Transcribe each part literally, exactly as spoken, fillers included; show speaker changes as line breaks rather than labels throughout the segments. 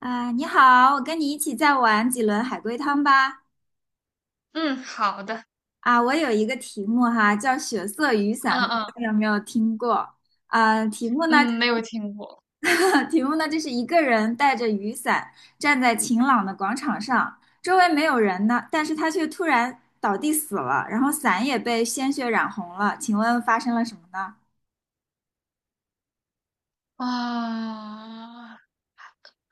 啊，你好，我跟你一起再玩几轮海龟汤吧。
嗯，好的。
啊，我有一个题目哈，叫血色雨伞，
嗯
不知
嗯
道你有没有听过？啊，题目呢，
嗯，没有听过。
题目呢，就是一个人带着雨伞站在晴朗的广场上，周围没有人呢，但是他却突然倒地死了，然后伞也被鲜血染红了。请问发生了什么呢？
啊，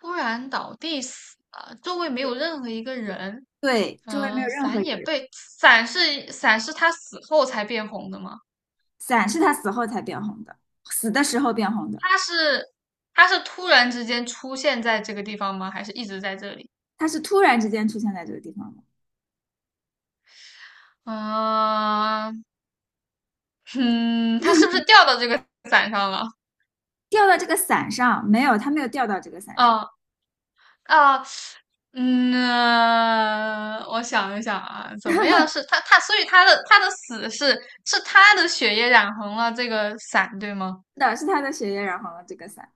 突然倒地死了，周围没有任何一个人。
对，周围没有
嗯、
任何一
伞也
个人，
被伞是伞是他死后才变红的吗？
伞是他死后才变红的，死的时候变红的，
他是他是突然之间出现在这个地方吗？还是一直在这里？
他是突然之间出现在这个地方的。
嗯、嗯，他是不是掉到这个伞上了？
掉到这个伞上，没有，他没有掉到这个伞上，
嗯啊，嗯，呃我想一想啊。怎么样是他他，所以他的他的死是是他的血液染红了这个伞，对吗？
是的，是他的血液染红了这个伞，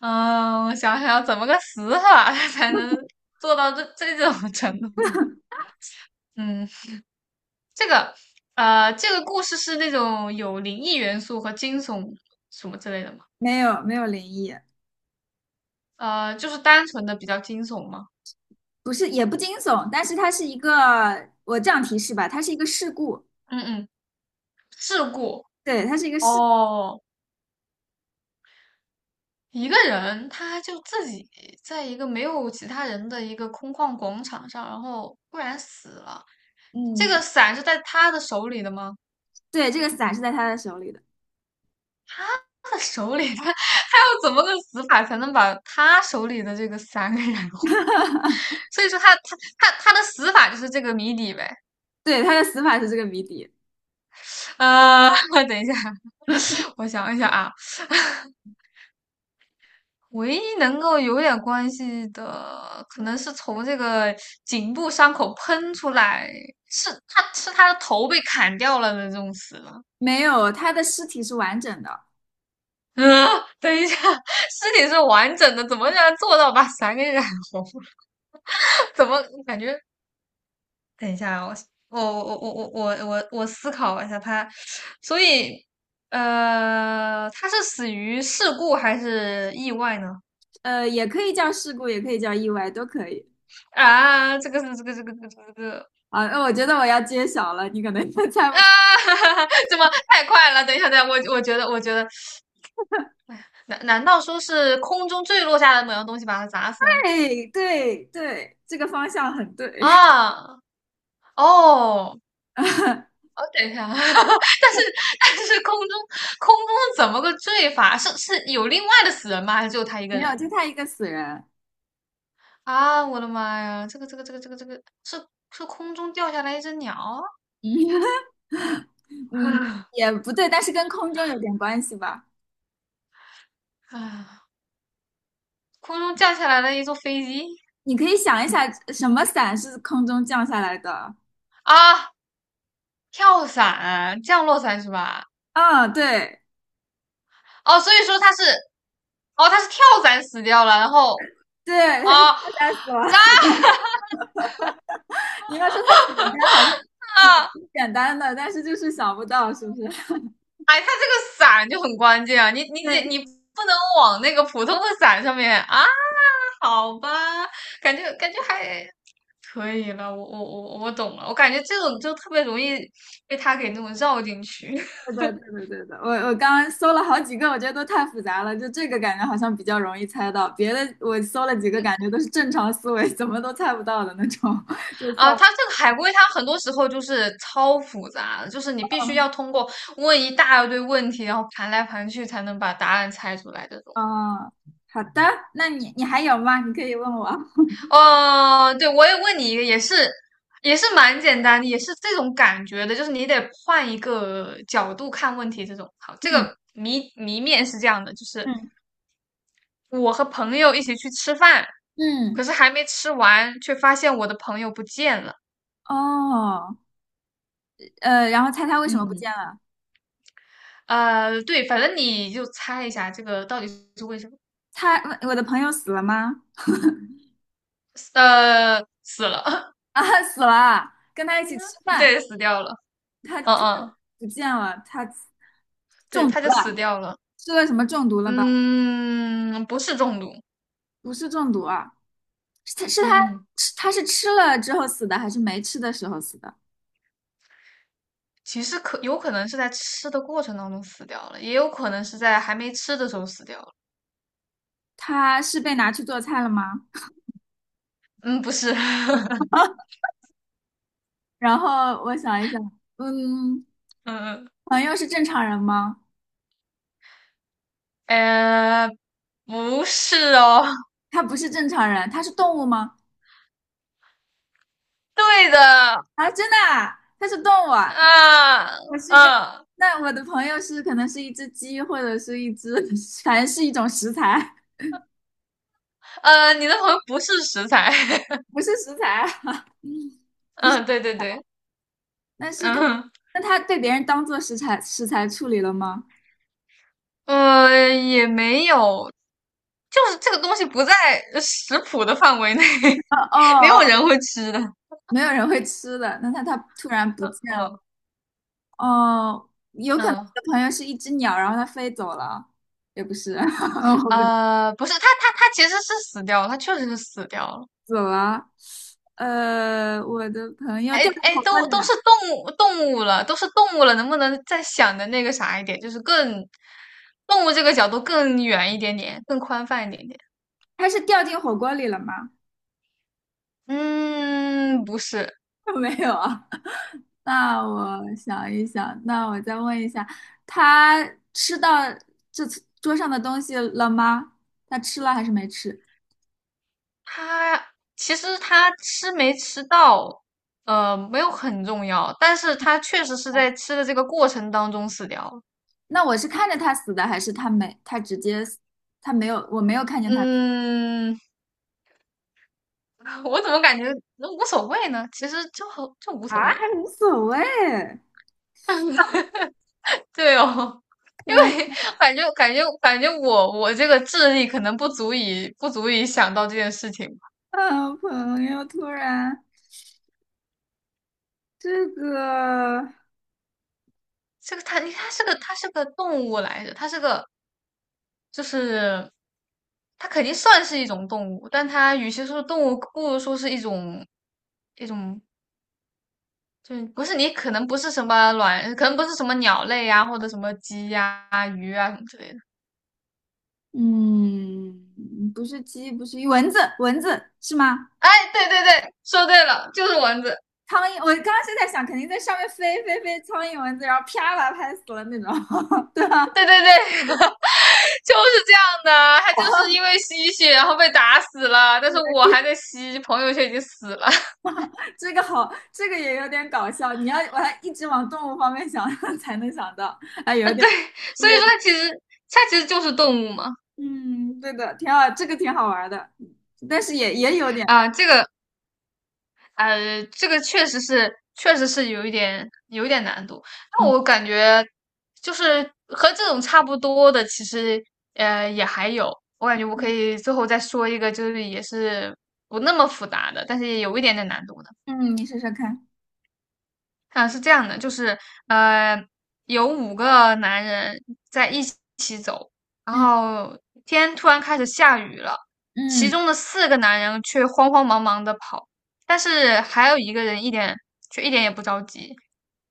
嗯，我想想怎么个死法 才能做到这这种程度呢？嗯，这个呃，这个故事是那种有灵异元素和惊悚什么之类的吗？
没有，没有灵异，
呃，就是单纯的比较惊悚吗？
不是，也不惊悚，但是它是一个，我这样提示吧，它是一个事故，
嗯嗯，事故。
对，它是一个事，
哦，一个人他就自己在一个没有其他人的一个空旷广场上，然后忽然死了。这
嗯，
个伞是在他的手里的吗？
对，这个伞是在他的手里的，
他的手里。他他要怎么个死法才能把他手里的这个伞给燃？所以说他他他他的死法就是这个谜底呗。
对，他的死法是这个谜底，
呃，等一下，我想一想啊。唯一能够有点关系的，可能是从这个颈部伤口喷出来，是他是他的头被砍掉了的这种死了。
没有，他的尸体是完整的，
嗯，等一下，尸体是完整的，怎么能做到把伞给染红？怎么感觉？等一下啊，我我我我我我我我思考一下他。所以呃，他是死于事故还是意外呢？
呃，也可以叫事故，也可以叫意外，都可以。
啊，这个是这个这个这个这个，
啊，那我觉得我要揭晓了，你可能就 猜
啊，
不出。
怎么太快了？等一下，等一下。我我觉得，我觉得，难难道说是空中坠落下来的某样东西把它砸死了？
对对对，这个方向很对，
啊，哦，哦，等一下。但是但是空中空中是怎么个坠法？是是有另外的死人吗？还是只有他一个
没有，
人？
就他一个死人。
啊，我的妈呀，这个这个这个这个这个是是空中掉下来一只鸟？
嗯，
啊，
也不对，但是跟空中有点关系吧。
啊，空中降下来了一座飞机？
你可以想一下，什么伞是空中降下来的？
啊，跳伞，降落伞是吧？
啊、对
哦，所以说他是，哦，他是跳伞死掉了，然后
对，它是
啊，
跳下死亡。
咋、
你要说它简单，好像也
啊？
挺简单的，但是就是想不到，是不是？
哎，他这个伞就很关键啊，你你得
对，
你不能往那个普通的伞上面啊。好吧。感觉感觉还可以了。我我我我懂了。我感觉这种就特别容易被他给那种绕进去。
对对，对对，对的。我我刚刚搜了好几个，我觉得都太复杂了，就这个感觉好像比较容易猜到，别的我搜了几个，感觉都是正常思维，怎么都猜不到的那种，就算
啊，
了。
他这个海龟，它很多时候就是超复杂的，就是你必须要通过问一大堆问题，然后盘来盘去才能把答案猜出来这种。
哦，好的，那你你还有吗？你可以问我。
哦，对，我也问你一个，也是也是蛮简单的，也是这种感觉的，就是你得换一个角度看问题。这种好，这
嗯
个谜谜面是这样的，就是
嗯
我和朋友一起去吃饭，
嗯，
可是还没吃完，却发现我的朋友不见了。
哦，呃，然后猜他为什么不见
嗯，
了？
呃，对，反正你就猜一下这个到底是为什么？
他，我的朋友死了吗？
呃，死了。
啊，死了，跟他一起吃饭，
对，死掉了。
他
嗯
突然
嗯，
不见了，他
对，
中毒
他就死
了，
掉了。
吃了什么中毒了吧？
嗯，不是中毒。
不是中毒啊，是他是他
嗯嗯。
吃他是吃了之后死的，还是没吃的时候死的？
其实可有可能是在吃的过程当中死掉了，也有可能是在还没吃的时候死掉了。
他是被拿去做菜了吗？
嗯，不是。
然后我想一想，嗯，
嗯
朋友是正常人吗？
嗯，呃，不是哦。
他不是正常人，他是动物吗？
对的。
啊，真的啊，它是动物啊。
啊
我是跟，
啊
那我的朋友是可能是一只鸡，或者是一只，反正是一种食材，
呃，你的朋友不是食材。
不是食材啊 不是。
嗯，对对对。
但是它，
嗯
那他被别人当做食材食材处理了吗？
呃，也没有，就是这个东西不在食谱的范围内。
哦
没
哦
有
哦，
人会吃的。
没有人会吃的。那他他突然不见了，
嗯
哦，有可能我
嗯
的朋友是一只鸟，然后它飞走了，也不是，我不知
呃，不是，他他他其实是死掉了，他确实是死掉了。
走了。呃，我的朋友
哎
掉到
哎，
火锅
都
里
都
了。
是动物动物了，都是动物了，能不能再想的那个啥一点，就是更动物这个角度更远一点点，更宽泛一点点？
他是掉进火锅里了吗？
嗯，不是。
没有啊。那我想一想，那我再问一下，他吃到这次桌上的东西了吗？他吃了还是没吃？
他其实他吃没吃到，呃，没有很重要，但是他确实是在吃的这个过程当中死掉了。
那我是看着他死的，还是他没？他直接死，他没有，我没有看见他死
嗯，我怎么感觉那无所谓呢？其实就很就无所
啊，还
谓。
无所谓。
对哦，因为
嗯
感觉感觉感觉我我这个智力可能不足以不足以想到这件事情吧。
嗯，朋友突然这个，
这个它它是个它是个动物来着。它是个，就是它肯定算是一种动物，但它与其说是动物，不如说是一种，一种就是，不是，你可能不是什么卵，可能不是什么鸟类呀、或者什么鸡呀、鱼啊什么之类的。
嗯，不是鸡，不是鱼蚊子，蚊子是吗？
哎，对对对，说对了，就是蚊子。
苍蝇，我刚刚是在想，肯定在上面飞飞飞，苍蝇蚊子，然后啪把它拍死了那种，对吧？
对对对，就是这样的。他就是因为吸血，然后被打死了，但是我还在吸，朋友却已经死了。
这个好，这个也有点搞笑。你要把它一直往动物方面想，才能想到。哎，
啊，
有点，
对，
有
所以说
点
他其实他其实就是动物嘛。
嗯，对的，挺好，这个挺好玩的，但是也也有点难。
啊，这个，呃，这个确实是确实是有一点有一点难度。那
嗯
我感觉就是和这种差不多的。其实呃也还有。我感觉我可
嗯，
以最后再说一个，就是也是不那么复杂的，但是也有一点点难度的。
嗯，你说说看。
啊，是这样的，就是呃，有五个男人在一起走，然
嗯
后天突然开始下雨了，其
嗯
中的四个男人却慌慌忙忙的跑，但是还有一个人一点却一点也不着急。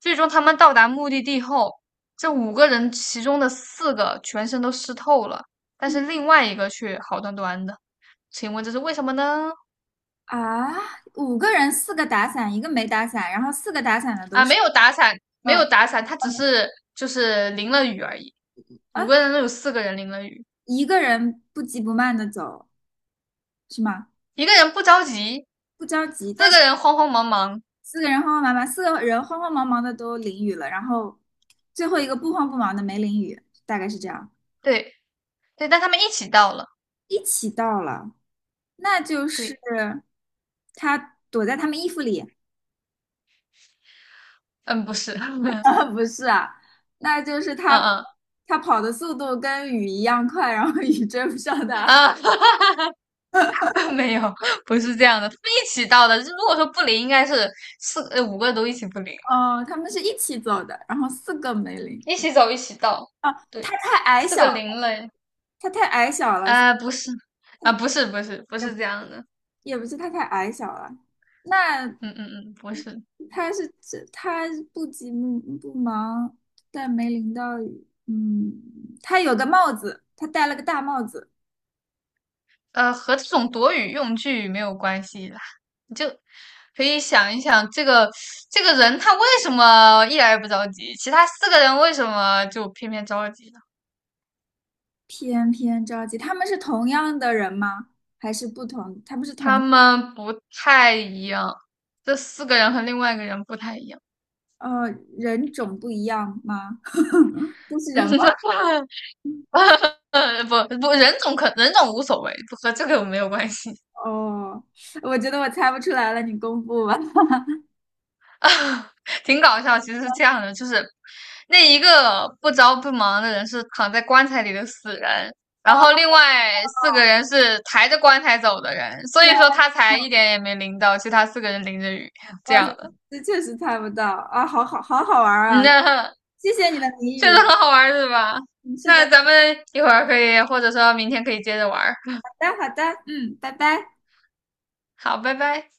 最终他们到达目的地后，这五个人其中的四个全身都湿透了，但
嗯
是另外一个却好端端的。请问这是为什么呢？
啊，五个人，四个打伞，一个没打伞，然后四个打伞的都
啊，
是，
没有打伞。没
嗯
有打伞，他只是就是淋了雨而已。
啊，
五个人都有四个人淋了雨，
一个人不急不慢的走，是吗？
一个人不着急，
不着急，
四
但是。
个人慌慌忙忙。
四个人慌慌忙忙，四个人慌慌忙忙的都淋雨了，然后最后一个不慌不忙的没淋雨，大概是这样。
对对，但他们一起到了。
一起到了，那就是
对。
他躲在他们衣服里，
嗯，不是。嗯
啊，不是啊，那就是他
嗯，
他跑的速度跟雨一样快，然后雨追不上他。
啊，没有，不是这样的，他们一起到的。如果说不淋，应该是四呃五个都一起不淋吧，
哦，他们是一起走的，然后四个没淋。
一起走一起到。
啊，他
对，
太矮
四
小
个
了，
淋了。
他太矮小了，
啊、不是，啊、不是不是不
所以
是这样的。
也不是他太矮小了。那
嗯嗯嗯，不是。
他是这他不急不忙，但没淋到雨。嗯，他有个帽子，他戴了个大帽子，
呃，和这种躲雨用具没有关系啦，你就可以想一想，这个这个人他为什么一点也不着急，其他四个人为什么就偏偏着急呢？
偏偏着急。他们是同样的人吗？还是不同？他们是
他
同
们不太一样，这四个人和另外一个人不太一样。
呃人种不一样吗？都是人吗？
嗯，不不，人种可人种无所谓，和这个没有关系。
哦，我觉得我猜不出来了，你公布吧。
挺搞笑。其实是这样的，就是那一个不着不忙的人是躺在棺材里的死人，然后
哦，
另外四个人是抬着棺材走的人，所
天
以说他才
呐，
一点也没淋到，其他四个人淋着雨这
哇塞，
样的。
这确实猜不到啊！好好好好玩
嗯，
啊！
那
谢谢你的谜
确实
语。
很好玩，是吧？
嗯，是
那
的，
咱们一会儿可以，或者说明天可以接着玩儿。
好的，好的，嗯，拜拜。
好，拜拜。